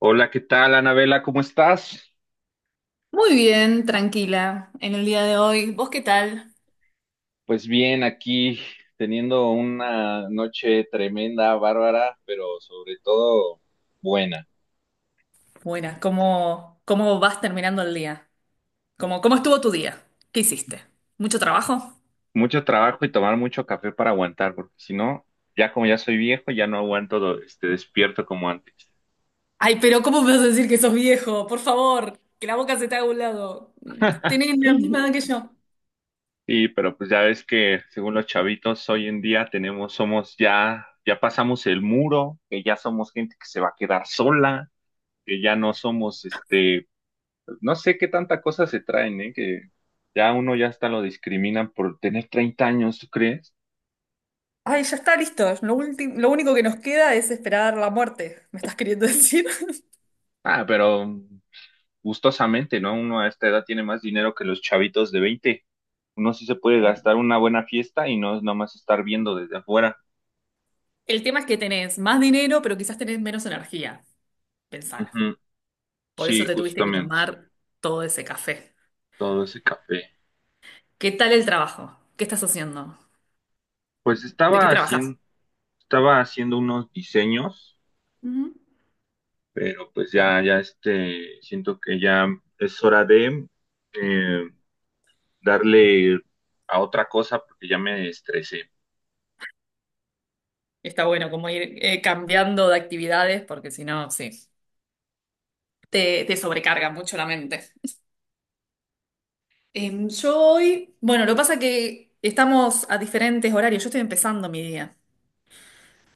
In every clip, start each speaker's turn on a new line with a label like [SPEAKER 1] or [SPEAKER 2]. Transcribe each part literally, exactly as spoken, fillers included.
[SPEAKER 1] Hola, ¿qué tal, Anabela? ¿Cómo estás?
[SPEAKER 2] Muy bien, tranquila, en el día de hoy. ¿Vos qué tal?
[SPEAKER 1] Pues bien, aquí teniendo una noche tremenda, bárbara, pero sobre todo buena.
[SPEAKER 2] Buenas, ¿cómo, cómo vas terminando el día? ¿Cómo, cómo estuvo tu día? ¿Qué hiciste? ¿Mucho trabajo?
[SPEAKER 1] Mucho trabajo y tomar mucho café para aguantar, porque si no, ya como ya soy viejo, ya no aguanto, do- este, despierto como antes.
[SPEAKER 2] Ay, pero ¿cómo me vas a decir que sos viejo? Por favor, que la boca se te haga a un lado. Tenés la misma edad que yo.
[SPEAKER 1] Sí, pero pues ya ves que según los chavitos hoy en día tenemos, somos ya, ya pasamos el muro, que ya somos gente que se va a quedar sola, que ya no somos este no sé qué tanta cosa se traen, ¿eh? Que ya uno ya hasta lo discriminan por tener treinta años, ¿tú crees?
[SPEAKER 2] Ay, ya está listo. Lo último, lo único que nos queda es esperar la muerte, ¿me estás queriendo decir?
[SPEAKER 1] Ah, pero gustosamente, ¿no? Uno a esta edad tiene más dinero que los chavitos de veinte. Uno sí se puede
[SPEAKER 2] Eh,
[SPEAKER 1] gastar una buena fiesta y no es nomás estar viendo desde afuera.
[SPEAKER 2] El tema es que tenés más dinero, pero quizás tenés menos energía. Pensalo.
[SPEAKER 1] Ujú,
[SPEAKER 2] Por
[SPEAKER 1] sí,
[SPEAKER 2] eso te tuviste que
[SPEAKER 1] justamente.
[SPEAKER 2] tomar todo ese café.
[SPEAKER 1] Todo ese café.
[SPEAKER 2] ¿Qué tal el trabajo? ¿Qué estás haciendo?
[SPEAKER 1] Pues
[SPEAKER 2] ¿De qué
[SPEAKER 1] estaba
[SPEAKER 2] trabajas?
[SPEAKER 1] haciendo, estaba haciendo unos diseños,
[SPEAKER 2] Ujú.
[SPEAKER 1] pero pues ya, ya este, siento que ya es hora de eh, darle a otra cosa porque ya me estresé.
[SPEAKER 2] Está bueno como ir eh, cambiando de actividades porque si no, sí, te, te sobrecarga mucho la mente. Em, yo hoy, bueno, lo que pasa es que estamos a diferentes horarios. Yo estoy empezando mi día.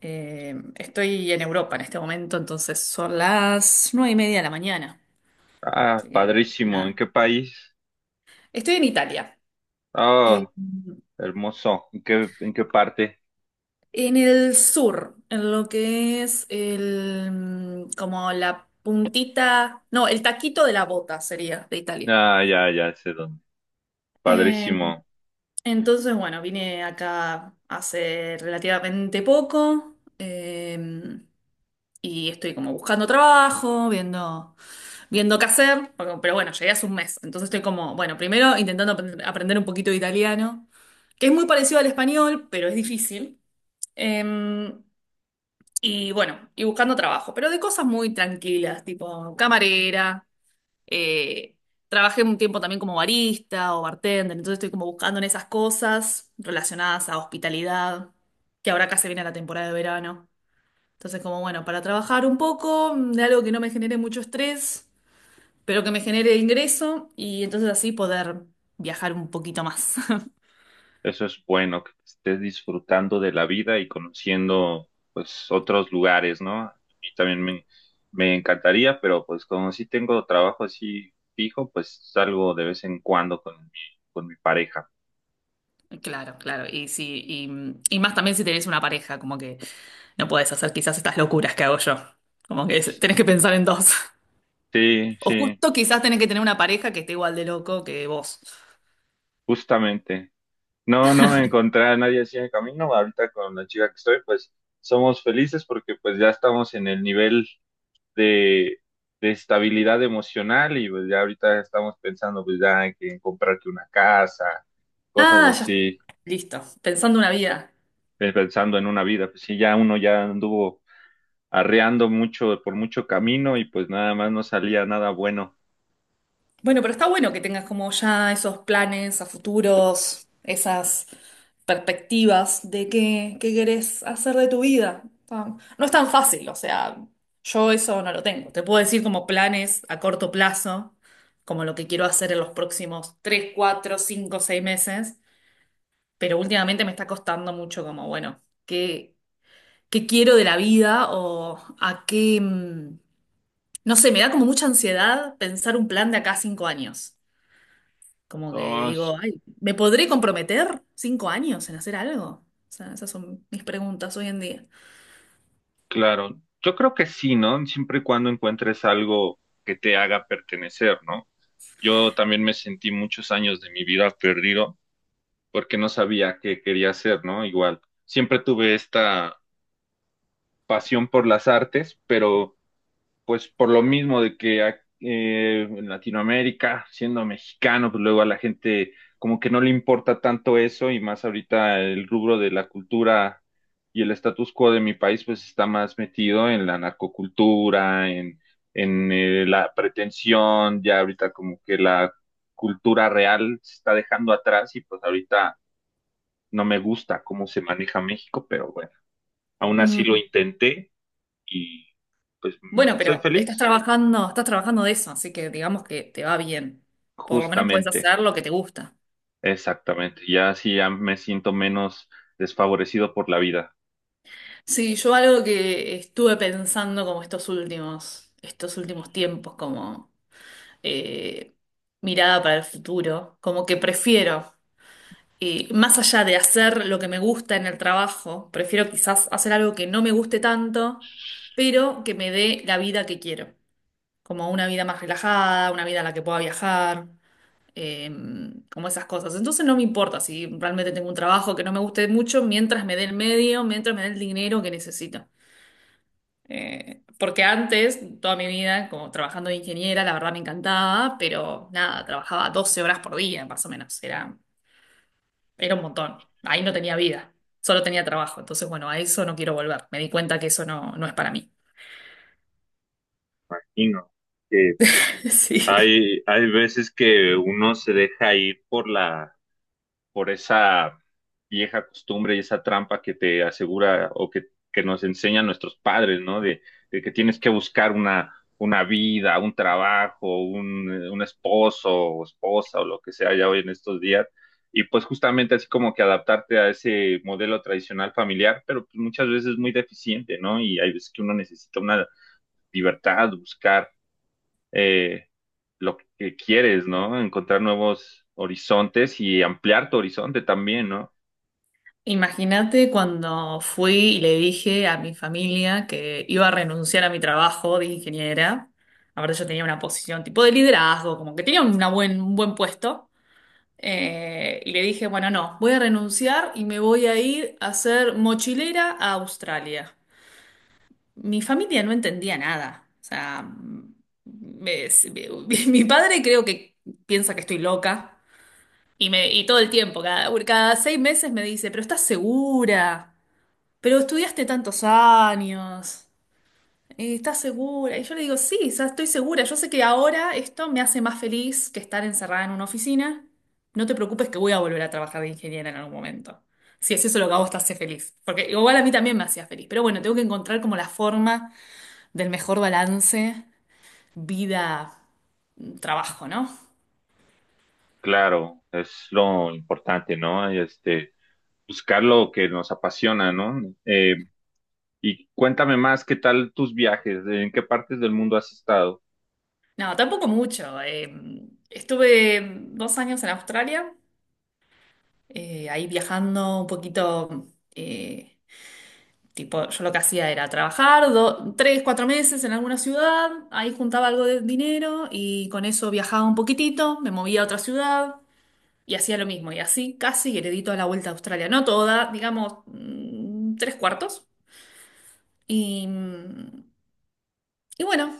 [SPEAKER 2] Em, estoy en Europa en este momento, entonces son las nueve y media de la mañana.
[SPEAKER 1] Ah,
[SPEAKER 2] Así que,
[SPEAKER 1] padrísimo. ¿En
[SPEAKER 2] nada.
[SPEAKER 1] qué país?
[SPEAKER 2] Estoy en Italia. Em,
[SPEAKER 1] Ah, hermoso. ¿En qué, en qué parte?
[SPEAKER 2] En el sur, en lo que es el, mm, como la puntita, no, el taquito de la bota sería de Italia.
[SPEAKER 1] Ah, ya, ya sé dónde.
[SPEAKER 2] Eh,
[SPEAKER 1] Padrísimo.
[SPEAKER 2] entonces, bueno, vine acá hace relativamente poco eh, y estoy como buscando trabajo, viendo, viendo qué hacer, porque- pero bueno, llegué hace un mes, entonces estoy como, bueno, primero intentando aprend- aprender un poquito de italiano, que es muy parecido al español, pero es difícil. Em, Y bueno, y buscando trabajo, pero de cosas muy tranquilas, tipo camarera. eh, Trabajé un tiempo también como barista o bartender, entonces estoy como buscando en esas cosas relacionadas a hospitalidad, que ahora acá se viene la temporada de verano. Entonces, como bueno, para trabajar un poco de algo que no me genere mucho estrés, pero que me genere ingreso y entonces así poder viajar un poquito más.
[SPEAKER 1] Eso es bueno, que estés disfrutando de la vida y conociendo, pues, otros lugares, ¿no? A mí también me, me encantaría, pero pues como sí tengo trabajo así fijo, pues salgo de vez en cuando con mi, con mi pareja.
[SPEAKER 2] Claro, claro. Y si, y, y más también si tenés una pareja, como que no podés hacer quizás estas locuras que hago yo. Como que es- tenés que pensar en dos.
[SPEAKER 1] Sí,
[SPEAKER 2] O
[SPEAKER 1] sí,
[SPEAKER 2] justo quizás tenés que tener una pareja que esté igual de loco que vos.
[SPEAKER 1] justamente. No, no encontré a nadie así en el camino. Ahorita con la chica que estoy, pues somos felices porque pues ya estamos en el nivel de, de estabilidad emocional y pues ya ahorita estamos pensando pues ya en que en comprarte una casa, cosas
[SPEAKER 2] Ah, ya.
[SPEAKER 1] así,
[SPEAKER 2] Listo. Pensando una vida.
[SPEAKER 1] eh, pensando en una vida. Pues sí, ya uno ya anduvo arreando mucho por mucho camino y pues nada más no salía nada bueno.
[SPEAKER 2] Bueno, pero está bueno que tengas como ya esos planes a futuros, esas perspectivas de qué, qué querés hacer de tu vida. Está- No es tan fácil, o sea, yo eso no lo tengo. Te puedo decir como planes a corto plazo, como lo que quiero hacer en los próximos tres, cuatro, cinco, seis meses, pero últimamente me está costando mucho como, bueno, qué, qué quiero de la vida o a qué. mm, No sé, me da como mucha ansiedad pensar un plan de acá a cinco años. Como que
[SPEAKER 1] No, es-
[SPEAKER 2] digo, ay, ¿me podré comprometer cinco años en hacer algo? O sea, esas son mis preguntas hoy en día.
[SPEAKER 1] claro. Yo creo que sí, ¿no? Siempre y cuando encuentres algo que te haga pertenecer, ¿no? Yo también me sentí muchos años de mi vida perdido porque no sabía qué quería hacer, ¿no? Igual, siempre tuve esta pasión por las artes, pero pues por lo mismo de que a- eh, en Latinoamérica, siendo mexicano, pues luego a la gente como que no le importa tanto eso y más ahorita el rubro de la cultura y el status quo de mi país pues está más metido en la narcocultura, en, en eh, la pretensión, ya ahorita como que la cultura real se está dejando atrás y pues ahorita no me gusta cómo se maneja México, pero bueno, aún así lo
[SPEAKER 2] Mm,
[SPEAKER 1] intenté y pues mm,
[SPEAKER 2] Bueno,
[SPEAKER 1] soy
[SPEAKER 2] pero estás
[SPEAKER 1] feliz.
[SPEAKER 2] trabajando, estás trabajando de eso, así que digamos que te va bien. Por lo menos puedes
[SPEAKER 1] Justamente,
[SPEAKER 2] hacer lo que te gusta.
[SPEAKER 1] exactamente. Ya así ya me siento menos desfavorecido por la vida.
[SPEAKER 2] Sí, yo algo que estuve pensando como estos últimos, estos últimos tiempos, como eh, mirada para el futuro, como que prefiero. Eh, más allá de hacer lo que me gusta en el trabajo, prefiero quizás hacer algo que no me guste tanto, pero que me dé la vida que quiero, como una vida más relajada, una vida en la que pueda viajar, eh, como esas cosas. Entonces no me importa si realmente tengo un trabajo que no me guste mucho, mientras me dé el medio, mientras me dé el dinero que necesito. Eh, porque antes, toda mi vida, como trabajando de ingeniera, la verdad me encantaba, pero nada, trabajaba doce horas por día, más o menos. Era era un montón. Ahí no tenía vida, solo tenía trabajo. Entonces, bueno, a eso no quiero volver. Me di cuenta que eso no, no es para mí.
[SPEAKER 1] Imagino que
[SPEAKER 2] Sí.
[SPEAKER 1] hay, hay veces que uno se deja ir por la por esa vieja costumbre y esa trampa que te asegura o que, que nos enseñan nuestros padres, ¿no? De, de que tienes que buscar una, una vida, un trabajo, un, eh, un esposo o esposa o lo que sea ya hoy en estos días. Y pues justamente así como que adaptarte a ese modelo tradicional familiar, pero pues muchas veces muy deficiente, ¿no? Y hay veces que uno necesita una libertad, buscar eh, lo que quieres, ¿no? Encontrar nuevos horizontes y ampliar tu horizonte también, ¿no?
[SPEAKER 2] Imagínate cuando fui y le dije a mi familia que iba a renunciar a mi trabajo de ingeniera. Ahora yo tenía una posición tipo de liderazgo, como que tenía una buen, un buen puesto. Eh, y le dije, bueno, no, voy a renunciar y me voy a ir a ser mochilera a Australia. Mi familia no entendía nada. O sea, mm, me- se- me- mi padre creo que piensa que estoy loca. Y, me, y todo el tiempo, cada, cada seis meses me dice, pero estás segura, pero estudiaste tantos años, eh, estás segura. Y yo le digo, sí, o sea, estoy segura. Yo sé que ahora esto me hace más feliz que estar encerrada en una oficina. No te preocupes que voy a volver a trabajar de ingeniera en algún momento. Si es eso lo que a vos te hace feliz. Porque igual a mí también me hacía feliz. Pero bueno, tengo que encontrar como la forma del mejor balance vida-trabajo, ¿no?
[SPEAKER 1] Claro, es lo importante, ¿no? Este, buscar lo que nos apasiona, ¿no? Eh, y cuéntame más, ¿qué tal tus viajes? ¿En qué partes del mundo has estado?
[SPEAKER 2] No, tampoco mucho. Eh, estuve dos años en Australia, eh, ahí viajando un poquito, eh, tipo, yo lo que hacía era trabajar do- tres, cuatro meses en alguna ciudad, ahí juntaba algo de dinero y con eso viajaba un poquitito, me movía a otra ciudad y hacía lo mismo. Y así casi heredito a la vuelta a Australia, no toda, digamos, mm, tres cuartos. Y, y bueno.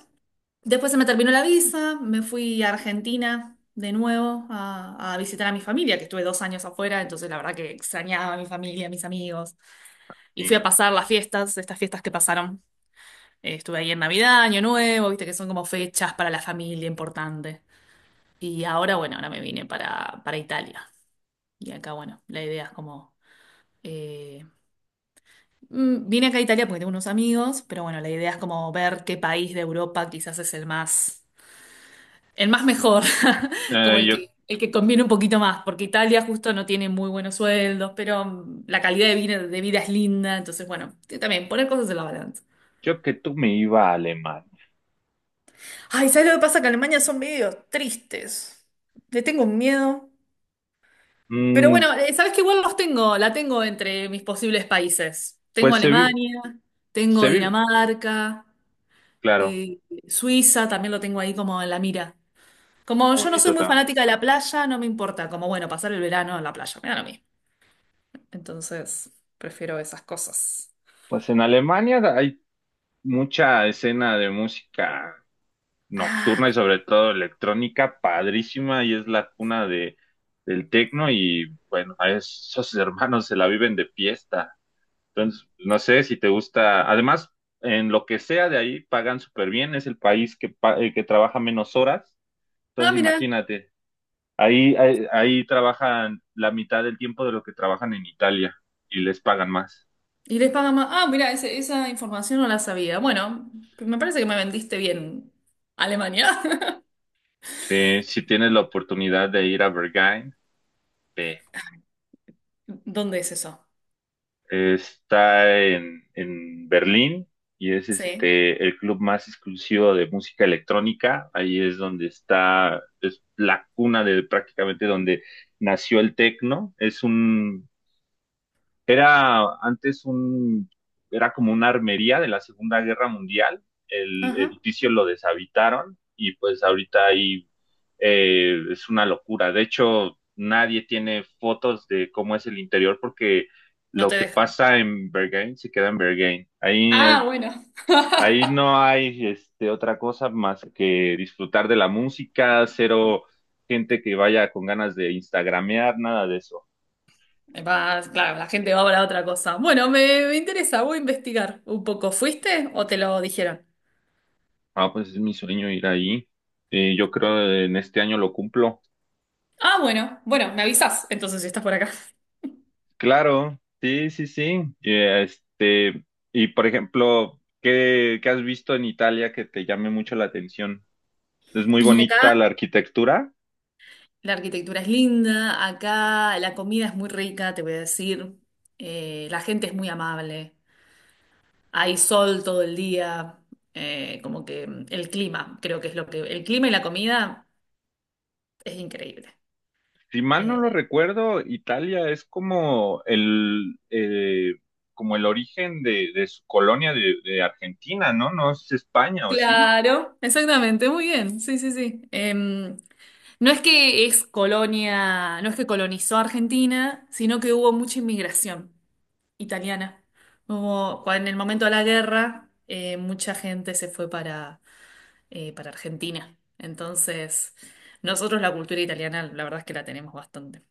[SPEAKER 2] Después se me terminó la visa, me fui a Argentina de nuevo a, a visitar a mi familia, que estuve dos años afuera, entonces la verdad que extrañaba a mi familia, a mis amigos. Y
[SPEAKER 1] Y
[SPEAKER 2] fui a
[SPEAKER 1] no.
[SPEAKER 2] pasar las fiestas, estas fiestas que pasaron. Eh, estuve ahí en Navidad, Año Nuevo, viste que son como fechas para la familia importante. Y ahora, bueno, ahora me vine para, para, Italia. Y acá, bueno, la idea es como. eh, mm, Vine acá a Italia porque tengo unos amigos, pero bueno, la idea es como ver qué país de Europa quizás es el más. El más mejor, como
[SPEAKER 1] Eh,
[SPEAKER 2] el
[SPEAKER 1] yo,
[SPEAKER 2] que, el que conviene un poquito más, porque Italia justo no tiene muy buenos sueldos, pero mm, la calidad de vida, de vida es linda, entonces bueno, t- también poner cosas en la balanza.
[SPEAKER 1] yo que tú me iba a Alemania.
[SPEAKER 2] Ay, ¿sabes lo que pasa? Que Alemania son medio tristes. Le tengo un miedo. Pero
[SPEAKER 1] Mm,
[SPEAKER 2] bueno, eh, sabes que igual los tengo, la tengo entre mis posibles países. Tengo
[SPEAKER 1] pues se vive,
[SPEAKER 2] Alemania, tengo
[SPEAKER 1] se vive,
[SPEAKER 2] Dinamarca,
[SPEAKER 1] claro,
[SPEAKER 2] eh, Suiza, también lo tengo ahí como en la mira. Como
[SPEAKER 1] está
[SPEAKER 2] yo no soy
[SPEAKER 1] bonito
[SPEAKER 2] muy
[SPEAKER 1] también.
[SPEAKER 2] fanática de la playa, no me importa, como bueno, pasar el verano en la playa, me da lo mismo. Entonces, prefiero esas cosas.
[SPEAKER 1] Pues en Alemania hay mucha escena de música
[SPEAKER 2] Ah,
[SPEAKER 1] nocturna y sobre todo electrónica, padrísima, y es la cuna de, del techno y bueno, a esos hermanos se la viven de fiesta. Entonces, no sé si te gusta, además, en lo que sea de ahí pagan súper bien, es el país que, pa- eh, que trabaja menos horas,
[SPEAKER 2] ah,
[SPEAKER 1] entonces
[SPEAKER 2] mira.
[SPEAKER 1] imagínate, ahí, ahí, ahí trabajan la mitad del tiempo de lo que trabajan en Italia y les pagan más.
[SPEAKER 2] Y les pagan más. Ah, mira, ese- esa información no la sabía. Bueno, me parece que me vendiste bien Alemania.
[SPEAKER 1] Sí, si tienes la oportunidad de ir a Berghain, ve.
[SPEAKER 2] ¿Dónde es eso?
[SPEAKER 1] Está en, en Berlín y es
[SPEAKER 2] Sí.
[SPEAKER 1] este el club más exclusivo de música electrónica. Ahí es donde está, es la cuna de prácticamente donde nació el techno. Es un era antes un, era como una armería de la Segunda Guerra Mundial. El
[SPEAKER 2] Ajá.
[SPEAKER 1] edificio lo deshabitaron y pues ahorita ahí eh, es una locura. De hecho, nadie tiene fotos de cómo es el interior porque
[SPEAKER 2] No
[SPEAKER 1] lo
[SPEAKER 2] te
[SPEAKER 1] que
[SPEAKER 2] dejan.
[SPEAKER 1] pasa en Bergen se queda en Bergen. Ahí, eh,
[SPEAKER 2] Ah, bueno.
[SPEAKER 1] ahí no hay este, otra cosa más que disfrutar de la música, cero gente que vaya con ganas de instagramear, nada de eso.
[SPEAKER 2] Va, claro, la gente va para otra cosa. Bueno, me, me interesa, voy a investigar un poco. ¿Fuiste o te lo dijeron?
[SPEAKER 1] Ah, pues es mi sueño ir ahí. Y yo creo en este año lo cumplo.
[SPEAKER 2] Ah, bueno, bueno, me avisas entonces si estás por acá.
[SPEAKER 1] Claro, sí, sí, sí. Y, este, y por ejemplo, ¿qué, qué has visto en Italia que te llame mucho la atención? Es muy
[SPEAKER 2] Y
[SPEAKER 1] bonita la
[SPEAKER 2] acá
[SPEAKER 1] arquitectura.
[SPEAKER 2] la arquitectura es linda, acá la comida es muy rica, te voy a decir. Eh, la gente es muy amable, hay sol todo el día, eh, como que mm, el clima, creo que es lo que. El clima y la comida es increíble.
[SPEAKER 1] Si mal no lo
[SPEAKER 2] Eh,
[SPEAKER 1] recuerdo, Italia es como el, eh, como el origen de, de su colonia de, de Argentina, ¿no? No es España, ¿o sí?
[SPEAKER 2] claro, exactamente, muy bien, sí, sí, sí. Em, no es que es colonia, no es que colonizó Argentina, sino que hubo mucha inmigración italiana. Hubo, cua- en el momento de la guerra, eh, mucha gente se fue para eh, para Argentina. Entonces, nosotros la cultura italiana, la verdad es que la tenemos bastante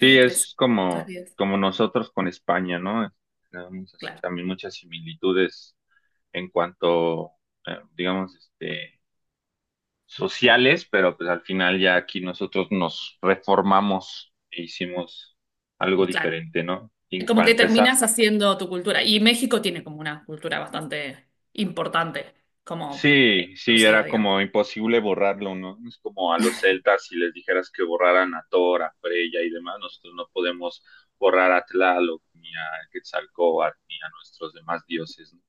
[SPEAKER 1] Sí,
[SPEAKER 2] presente
[SPEAKER 1] es
[SPEAKER 2] en nuestras
[SPEAKER 1] como,
[SPEAKER 2] vidas.
[SPEAKER 1] como nosotros con España, ¿no? Tenemos así
[SPEAKER 2] Claro,
[SPEAKER 1] también muchas similitudes en cuanto, eh, digamos, este, sociales, pero pues al final ya aquí nosotros nos reformamos e hicimos algo
[SPEAKER 2] claro.
[SPEAKER 1] diferente, ¿no? Y
[SPEAKER 2] Como
[SPEAKER 1] para
[SPEAKER 2] que
[SPEAKER 1] empezar,
[SPEAKER 2] terminas haciendo tu cultura. Y México tiene como una cultura bastante importante, como
[SPEAKER 1] sí, sí,
[SPEAKER 2] exclusiva,
[SPEAKER 1] era
[SPEAKER 2] digamos.
[SPEAKER 1] como imposible borrarlo, ¿no? Es como a los celtas si les dijeras que borraran a Thor, a Freya y demás, nosotros no podemos borrar a Tlaloc, ni a Quetzalcóatl, ni a nuestros demás dioses, ¿no?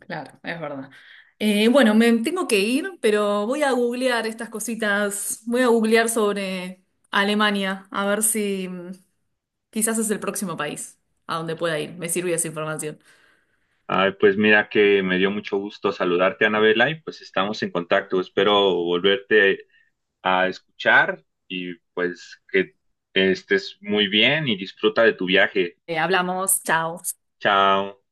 [SPEAKER 2] Claro, es verdad. Eh, bueno, me tengo que ir, pero voy a googlear estas cositas. Voy a googlear sobre Alemania, a ver si mm, quizás es el próximo país a donde pueda ir. Me sirvió esa información.
[SPEAKER 1] Ay, pues mira que me dio mucho gusto saludarte, Anabela, y pues estamos en contacto. Espero volverte a escuchar y pues que estés muy bien y disfruta de tu viaje.
[SPEAKER 2] Eh, hablamos, chao.
[SPEAKER 1] Chao.